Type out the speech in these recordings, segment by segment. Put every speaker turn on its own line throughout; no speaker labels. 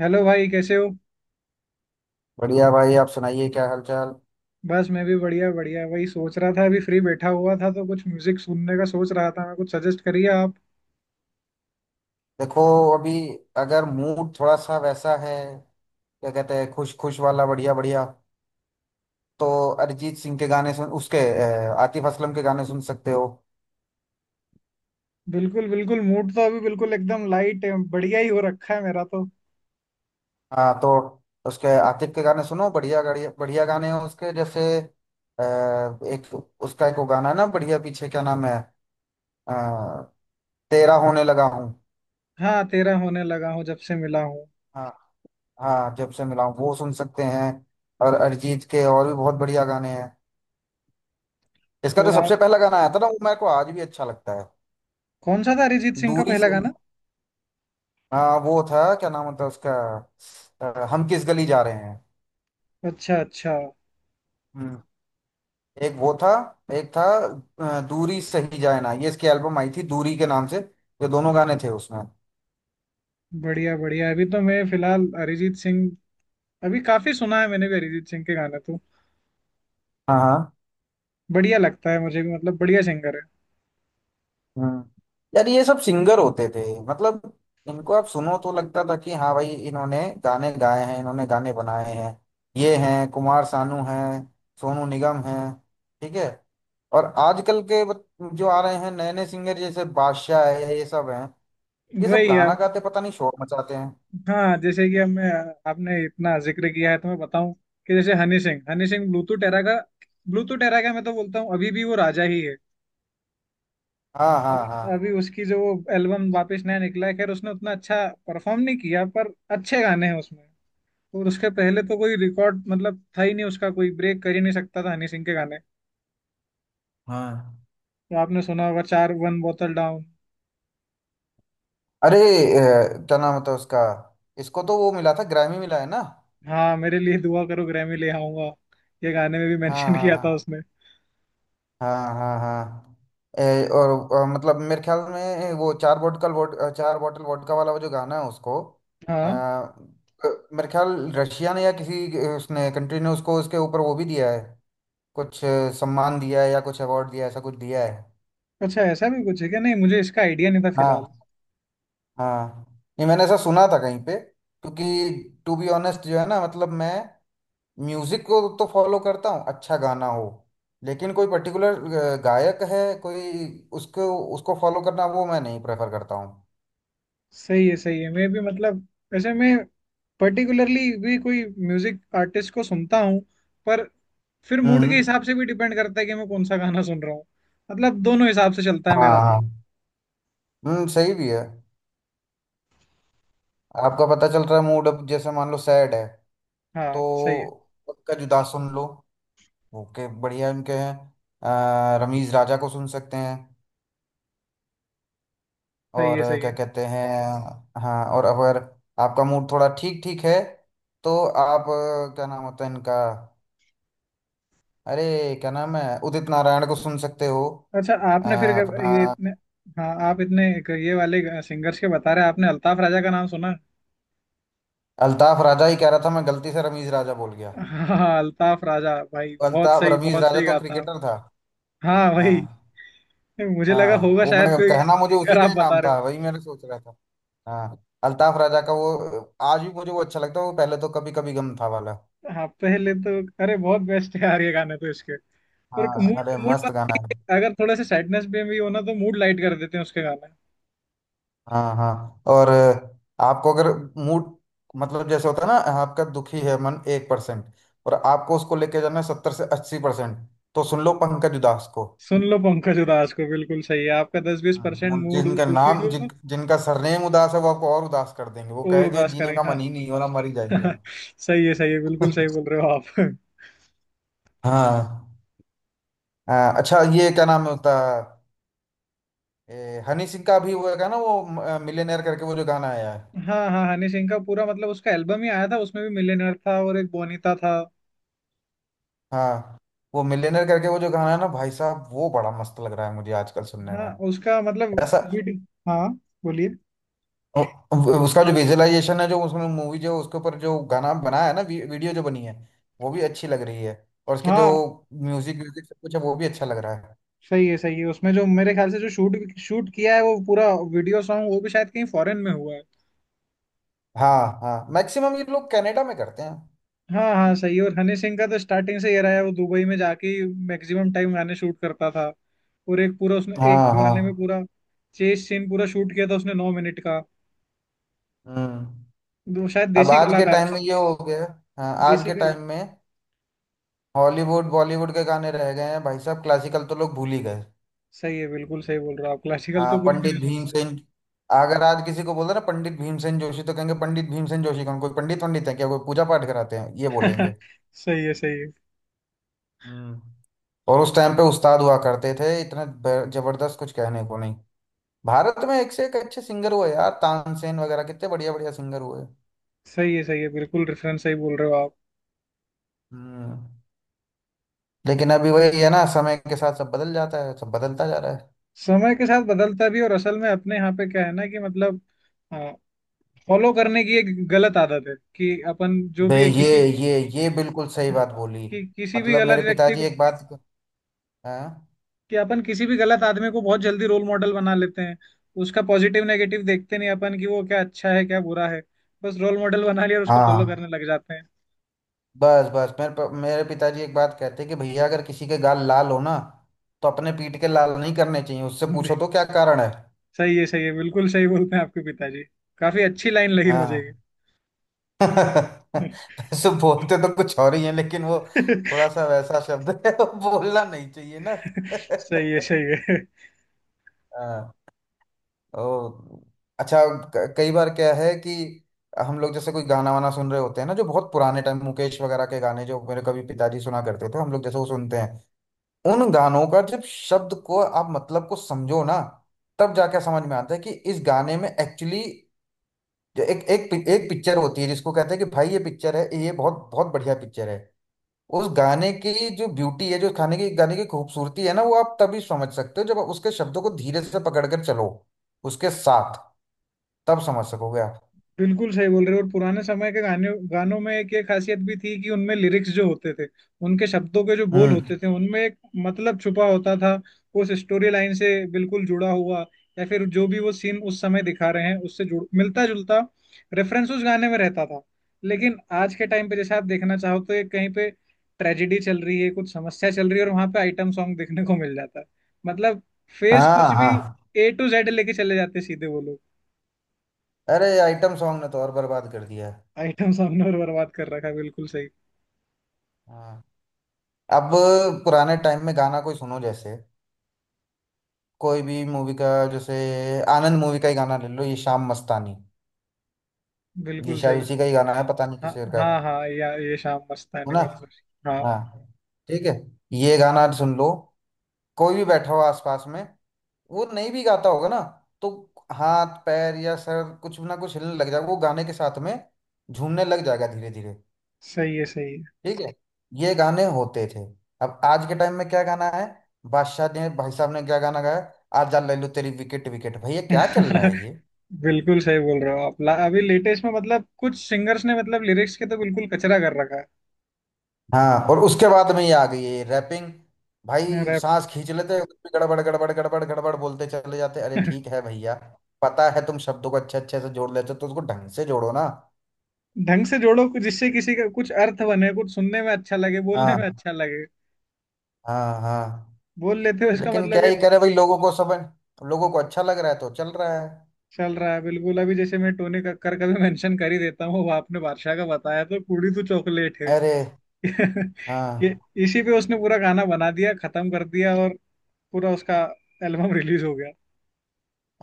Hello भाई, कैसे हो?
बढ़िया भाई, आप सुनाइए क्या हालचाल।
बस, मैं भी बढ़िया बढ़िया। वही सोच रहा था, अभी फ्री बैठा हुआ था तो कुछ म्यूजिक सुनने का सोच रहा था। मैं कुछ, सजेस्ट करिए आप।
देखो। अभी अगर मूड थोड़ा सा वैसा है, क्या कहते हैं, खुश खुश वाला बढ़िया बढ़िया, तो अरिजीत सिंह के गाने सुन उसके आतिफ असलम के गाने सुन सकते हो।
बिल्कुल बिल्कुल, मूड तो अभी बिल्कुल एकदम लाइट है, बढ़िया ही हो रखा है मेरा तो।
हाँ, तो उसके आतिफ के गाने सुनो, बढ़िया बढ़िया बढ़िया गाने हैं उसके, जैसे एक, उसका एक वो गाना है ना, बढ़िया, पीछे क्या नाम है, अ, तेरा होने लगा हूँ।
हाँ, तेरा होने लगा हूँ, जब से मिला हूँ।
हाँ, हाँ जब से मिला हूँ, वो सुन सकते हैं। और अरिजीत के और भी बहुत बढ़िया गाने हैं। इसका जो
और आप?
सबसे पहला गाना आया था ना, वो मेरे को आज भी अच्छा लगता है।
कौन सा था अरिजीत सिंह का
दूरी
पहला
से ही।
गाना?
हाँ वो था, क्या नाम होता है उसका, हम किस गली जा रहे हैं।
अच्छा अच्छा।
हम्म। एक वो था, एक था, दूरी सही जाए ना, ये इसकी एल्बम आई थी दूरी के नाम से, ये दोनों गाने थे उसमें।
बढ़िया बढ़िया। अभी तो मैं फिलहाल अरिजीत सिंह, अभी काफी सुना है मैंने भी अरिजीत सिंह के गाने तो।
हाँ हाँ।
बढ़िया लगता है मुझे भी, मतलब बढ़िया सिंगर
हम्म। यार, ये सब सिंगर होते थे, मतलब इनको आप सुनो तो लगता था कि हाँ भाई इन्होंने गाने गाए हैं, इन्होंने गाने बनाए हैं। ये हैं, कुमार सानू हैं, सोनू निगम हैं, ठीक है। और आजकल के जो आ रहे हैं, नए नए सिंगर, जैसे बादशाह है, ये सब हैं,
है,
ये सब
वही है।
गाना गाते पता नहीं शोर मचाते हैं।
हाँ, जैसे कि हमने, आपने इतना जिक्र किया है तो मैं बताऊं कि जैसे हनी सिंह। हनी सिंह ब्लूटूथ एरा का, ब्लूटूथ एरा का मैं तो बोलता हूँ, अभी भी वो राजा ही है।
हाँ
अभी,
हाँ हाँ।
अभी उसकी जो वो एल्बम वापस नया निकला है, खैर उसने उतना अच्छा परफॉर्म नहीं किया, पर अच्छे गाने हैं उसमें। और उसके पहले तो कोई रिकॉर्ड, मतलब था ही नहीं उसका, कोई ब्रेक कर ही नहीं सकता था हनी सिंह के गाने।
हाँ
तो आपने सुना होगा चार वन बोतल डाउन।
अरे क्या नाम होता है उसका, इसको तो वो मिला था, ग्रैमी मिला है ना।
हाँ, मेरे लिए दुआ करो, ग्रैमी ले आऊंगा। ये गाने में भी
हाँ
मेंशन
हाँ
किया था
हाँ।
उसने।
हाँ हाँ हाँ। ए, और, और मतलब मेरे ख्याल में वो चार बोतल वोट चार बोतल वोडका वाला वो जो गाना है उसको, आ,
हाँ।
मेरे ख्याल रशिया ने या किसी उसने कंट्री ने उसको उसके ऊपर वो भी दिया है, कुछ सम्मान दिया है या कुछ अवार्ड दिया है, ऐसा कुछ दिया है।
अच्छा, ऐसा भी कुछ है क्या? नहीं, मुझे इसका आइडिया नहीं था फिलहाल।
हाँ। हाँ। ये मैंने ऐसा सुना था कहीं पे, क्योंकि टू बी ऑनेस्ट जो है ना, मतलब मैं म्यूजिक को तो फॉलो करता हूँ, अच्छा गाना हो, लेकिन कोई पर्टिकुलर गायक है कोई, उसको उसको फॉलो करना वो मैं नहीं प्रेफर करता हूँ।
सही है सही है। मैं भी, मतलब, वैसे मैं पर्टिकुलरली भी कोई म्यूजिक आर्टिस्ट को सुनता हूँ, पर फिर मूड के
हम्म।
हिसाब से भी डिपेंड करता है कि मैं कौन सा गाना सुन रहा हूँ। मतलब दोनों हिसाब से चलता है मेरा
हाँ
तो।
हाँ। हम्म, सही भी है। आपका पता चल रहा है मूड, अब जैसे मान लो सैड है, तो
हाँ, सही है।
उनका जुदा सुन लो, ओके, बढ़िया उनके हैं, रमीज राजा को सुन सकते हैं।
सही
और
है सही
क्या
है।
कहते हैं, हाँ, और अगर आपका मूड थोड़ा ठीक ठीक है, तो आप, क्या नाम होता है इनका, अरे, क्या नाम है, उदित नारायण को सुन सकते हो।
अच्छा,
अ,
आपने फिर
अपना
ये इतने। हाँ, आप इतने एक ये वाले सिंगर्स के बता रहे हैं, आपने अल्ताफ राजा का नाम सुना?
अल्ताफ राजा ही कह रहा था, मैं गलती से रमीज राजा बोल गया।
हाँ, अल्ताफ राजा भाई बहुत
अल्ताफ,
सही,
रमीज
बहुत
राजा
सही
तो
गाता है।
क्रिकेटर था।
हाँ भाई।
हाँ,
मुझे लगा
हाँ
होगा
वो मैं
शायद कोई
कहना, मुझे उसी
सिंगर
का
आप
ही
बता
नाम
रहे हो।
था, वही मैंने सोच रहा था। हाँ, अल्ताफ राजा का वो आज भी मुझे वो अच्छा लगता है, वो पहले तो, कभी कभी गम था वाला।
हाँ, पहले तो अरे बहुत बेस्ट है यार, ये गाने तो इसके।
हाँ
और मूड,
अरे
मूड
मस्त गाना है।
अगर थोड़ा सा सैडनेस में भी हो ना, तो मूड लाइट कर देते हैं उसके गाने।
हाँ हाँ, और आपको अगर मूड, मतलब जैसे होता है ना, आपका दुखी है मन 1%, और आपको उसको लेके जाना है 70 से 80%, तो सुन लो पंकज उदास को।
सुन लो पंकज उदास को, बिल्कुल सही है। आपका दस बीस
हाँ।
परसेंट मूड
जिनका
दुखी
नाम, जिन
को
जिनका सरनेम उदास है, वो आपको और उदास कर देंगे, वो
और
कहेंगे
उदास
जीने का
करेंगे।
मन ही नहीं हो ना, मर ही जाएंगे
हाँ।
हम।
सही है सही है, बिल्कुल सही बोल रहे हो आप।
हाँ। अच्छा, ये क्या नाम होता है, हनी सिंह का भी हुआ था ना, वो मिलेनियर करके वो जो गाना आया है।
हाँ हाँ, हनी सिंह का पूरा मतलब उसका एल्बम ही आया था, उसमें भी मिलियनेयर था और एक बोनीता था।
हाँ, वो मिलेनियर करके वो जो गाना है ना, भाई साहब वो बड़ा मस्त लग रहा है मुझे आजकल सुनने
हाँ,
में,
उसका मतलब
ऐसा,
वीडियो। हाँ, बोलिए।
उ- उसका जो विजुअलाइजेशन है, जो उसमें मूवी, जो उसके ऊपर जो गाना बनाया है ना, वीडियो जो बनी है, वो भी अच्छी लग रही है। और उसके जो
हाँ,
म्यूजिक म्यूजिक सब कुछ है, वो भी अच्छा लग रहा है।
सही है सही है। उसमें जो मेरे ख्याल से जो शूट शूट किया है वो पूरा वीडियो सॉन्ग, वो भी शायद कहीं फॉरेन में हुआ है।
हाँ हाँ, मैक्सिमम ये लोग कनाडा में करते हैं।
हाँ हाँ सही है। और हनी सिंह का तो स्टार्टिंग से ये रहा है, वो दुबई में जाके मैक्सिमम टाइम गाने शूट करता था। और एक पूरा उसने एक
हाँ
गाने में
हाँ।
पूरा चेस सीन पूरा शूट किया था उसने 9 मिनट का।
हम्म।
वो शायद
अब
देसी
आज के
कलाकार
टाइम में
था।
ये हो गया, हाँ आज
देसी
के
कला
टाइम में हॉलीवुड बॉलीवुड के गाने रह गए हैं भाई साहब, क्लासिकल तो लोग भूल ही गए।
सही है, बिल्कुल सही बोल रहे हो आप। क्लासिकल
हाँ,
तो कोई भी
पंडित
नहीं सुनता
भीमसेन, अगर आज किसी को बोल दो ना पंडित भीमसेन जोशी, तो कहेंगे पंडित भीमसेन जोशी कौन, कोई पंडित, पंडित है क्या, कोई पूजा पाठ कराते हैं, ये
है।
बोलेंगे।
सही है सही है।
हम्म। और उस टाइम पे उस्ताद हुआ करते थे इतने, जबरदस्त, कुछ कहने को नहीं। भारत में एक से एक अच्छे सिंगर हुए यार, तानसेन वगैरह कितने बढ़िया बढ़िया सिंगर हुए।
सही है सही है, बिल्कुल रेफरेंस सही बोल रहे हो आप।
हम्म। लेकिन अभी वही है ना, समय के साथ सब बदल जाता है, सब बदलता जा रहा है।
समय के साथ बदलता भी, और असल में अपने यहाँ पे क्या है ना, कि मतलब हाँ, फॉलो करने की एक गलत आदत है कि अपन जो
बे
भी है
ये
किसी,
ये ये बिल्कुल सही बात
हाँ,
बोली,
कि किसी भी
मतलब
गलत
मेरे
व्यक्ति
पिताजी
को,
एक बात। हाँ,
कि अपन किसी भी गलत आदमी को बहुत जल्दी रोल मॉडल बना लेते हैं। उसका पॉजिटिव नेगेटिव देखते नहीं अपन कि वो क्या अच्छा है क्या बुरा है, बस रोल मॉडल बना लिया और उसको फॉलो
हाँ
करने लग जाते हैं।
बस बस मेरे मेरे पिताजी एक बात कहते कि भैया, अगर किसी के गाल लाल हो ना, तो अपने पीठ के लाल नहीं करने चाहिए, उससे पूछो तो क्या कारण है।
सही है सही है, बिल्कुल सही बोलते हैं आपके पिताजी, काफी अच्छी लाइन लगी
हाँ,
मुझे। ये।
वैसे बोलते तो कुछ और ही है, लेकिन वो थोड़ा सा वैसा शब्द है, वो बोलना नहीं चाहिए ना।
सही है सही है।
हाँ, ओ, अच्छा, कई बार क्या है कि, हम लोग जैसे कोई गाना वाना सुन रहे होते हैं ना, जो बहुत पुराने टाइम मुकेश वगैरह के गाने जो मेरे कभी पिताजी सुना करते थे, हम लोग जैसे वो सुनते हैं, उन गानों का जब शब्द को आप मतलब को समझो ना, तब जाके समझ में आता है कि इस गाने में एक्चुअली एक एक एक पिक्चर होती है, जिसको कहते हैं कि भाई ये पिक्चर है, ये बहुत बहुत बढ़िया पिक्चर है, उस गाने की जो ब्यूटी है, जो खाने की गाने की खूबसूरती है ना, वो आप तभी समझ सकते हो जब आप उसके शब्दों को धीरे से पकड़ कर चलो उसके साथ, तब समझ सकोगे आप।
बिल्कुल सही बोल रहे हो। और पुराने समय के गाने, गानों में एक ये खासियत भी थी कि उनमें लिरिक्स जो होते थे, उनके शब्दों के जो बोल
हम्म।
होते थे उनमें एक मतलब छुपा होता था, उस स्टोरी लाइन से बिल्कुल जुड़ा हुआ, या फिर जो भी वो सीन उस समय दिखा रहे हैं उससे जुड़, मिलता जुलता रेफरेंस उस गाने में रहता था। लेकिन आज के टाइम पे जैसे आप देखना चाहो तो एक कहीं पे ट्रेजेडी चल रही है, कुछ समस्या चल रही है, और वहां पे आइटम सॉन्ग देखने को मिल जाता है। मतलब, फेस
हाँ
कुछ भी,
हाँ,
ए टू जेड लेके चले जाते सीधे वो लोग।
अरे आइटम सॉन्ग ने तो और बर्बाद कर दिया है।
आइटम सामने और बर्बाद कर रखा है, बिल्कुल सही।
हाँ, अब पुराने टाइम में गाना कोई सुनो, जैसे कोई भी मूवी का, जैसे आनंद मूवी का ही गाना ले लो, ये शाम मस्तानी, ये
बिल्कुल सही।
शायद उसी का ही गाना है, पता नहीं किस
हाँ
शेर का है
हाँ हाँ, या ये शाम
है ना।
मस्तानी मधुर। हाँ,
हाँ, ठीक है, ये गाना सुन लो, कोई भी बैठा हो आसपास में, वो नहीं भी गाता होगा ना, तो हाथ पैर या सर कुछ ना कुछ हिलने लग जाएगा वो गाने के साथ में, झूमने लग जाएगा धीरे धीरे।
सही है सही
ठीक है, ये गाने होते थे। अब आज के टाइम में क्या गाना है, बादशाह ने भाई साहब ने क्या गाना गाया, आजा ले लो तेरी विकेट विकेट, भैया
है।
क्या चल रहा है ये।
बिल्कुल सही बोल रहे हो आप। अभी लेटेस्ट में मतलब कुछ सिंगर्स ने मतलब लिरिक्स के तो बिल्कुल कचरा कर रखा
हाँ, और उसके बाद में ये आ गई है रैपिंग,
है।
भाई
रैप।
सांस खींच लेते हैं, उसमें गड़बड़ गड़बड़ गड़बड़ गड़बड़ बोलते चले जाते, अरे ठीक है भैया। पता है, तुम शब्दों को अच्छे अच्छे से जोड़ लेते हो, तो उसको ढंग से जोड़ो ना।
ढंग से जोड़ो कुछ, जिससे किसी का कुछ अर्थ बने, कुछ सुनने में अच्छा लगे, बोलने
हाँ।
में अच्छा लगे।
हाँ हाँ।
बोल लेते हो इसका
लेकिन क्या
मतलब ये।
ही करे भाई, लोगों को समझ, लोगों को अच्छा लग रहा है तो चल रहा है।
चल रहा है बिल्कुल। अभी जैसे मैं टोनी कक्कर का भी मेंशन कर ही देता हूँ, वो आपने बादशाह का बताया तो कुड़ी तो चॉकलेट
अरे,
ये,
हाँ।
इसी पे उसने पूरा गाना बना दिया, खत्म कर दिया, और पूरा उसका एल्बम रिलीज हो गया।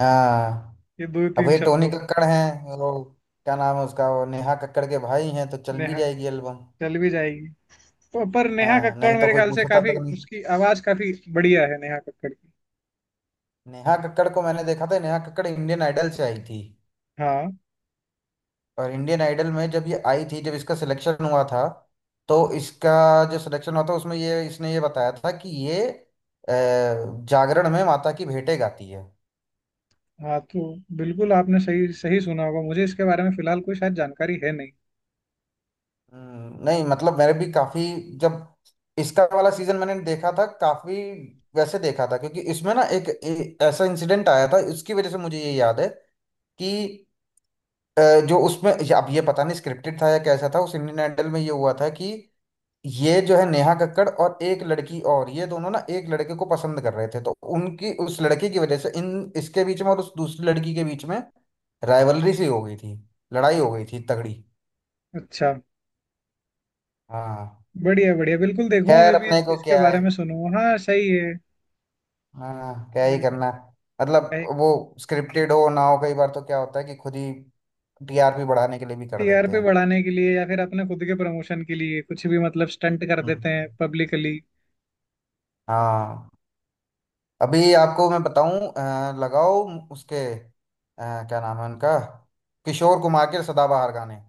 हाँ
ये दो
अब
तीन
ये टोनी
शब्दों को।
कक्कड़ हैं वो, क्या नाम है उसका, वो नेहा कक्कड़ के भाई हैं, तो चल भी
नेहा,
जाएगी एल्बम।
चल भी जाएगी। पर नेहा
हाँ,
कक्कड़
नहीं तो
मेरे
कोई
ख्याल से
पूछता
काफी
तक नहीं।
उसकी आवाज काफी बढ़िया है, नेहा कक्कड़ की।
नेहा कक्कड़ को मैंने देखा था, नेहा कक्कड़ इंडियन आइडल से आई थी,
हाँ।
और इंडियन आइडल में जब ये आई थी, जब इसका सिलेक्शन हुआ था, तो इसका जो सिलेक्शन हुआ था, उसमें ये इसने ये बताया था कि ये जागरण में माता की भेंटे गाती है।
हाँ तो बिल्कुल, आपने सही सही सुना होगा, मुझे इसके बारे में फिलहाल कोई शायद जानकारी है नहीं।
नहीं मतलब मैंने भी काफी, जब इसका वाला सीजन मैंने देखा था, काफी वैसे देखा था, क्योंकि इसमें ना एक, ऐसा इंसिडेंट आया था, उसकी वजह से मुझे ये याद है कि, अ, जो उसमें अब ये पता नहीं स्क्रिप्टेड था या कैसा था, उस इंडियन आइडल में ये हुआ था कि ये जो है नेहा कक्कड़ और एक लड़की, और ये दोनों ना एक लड़के को पसंद कर रहे थे, तो उनकी उस लड़के की वजह से इन इसके बीच में और उस दूसरी लड़की के बीच में, राइवलरी सी हो गई थी, लड़ाई हो गई थी तगड़ी।
अच्छा।
हाँ।
बढ़िया बढ़िया, बिल्कुल देखूंगा
खैर,
मैं भी
अपने को
इसके
क्या
बारे
है,
में सुनूंगा। हाँ सही है।
हाँ क्या ही
बिल्कुल।
करना है, मतलब वो स्क्रिप्टेड हो ना हो, कई बार तो क्या होता है कि खुद ही टीआरपी बढ़ाने के लिए भी कर देते
टीआरपी
हैं।
बढ़ाने के लिए या फिर अपने खुद के प्रमोशन के लिए कुछ भी मतलब स्टंट कर देते हैं
हम्म।
पब्लिकली।
हाँ, अभी आपको मैं बताऊं, लगाओ उसके, क्या नाम है उनका, किशोर कुमार के सदाबहार गाने,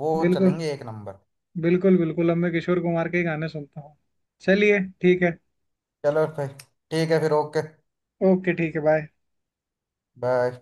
वो
बिल्कुल
चलेंगे एक नंबर।
बिल्कुल बिल्कुल। अब मैं किशोर कुमार के ही गाने सुनता हूँ। चलिए ठीक है।
चलो फिर, ठीक है फिर, ओके,
ओके ठीक है बाय।
बाय।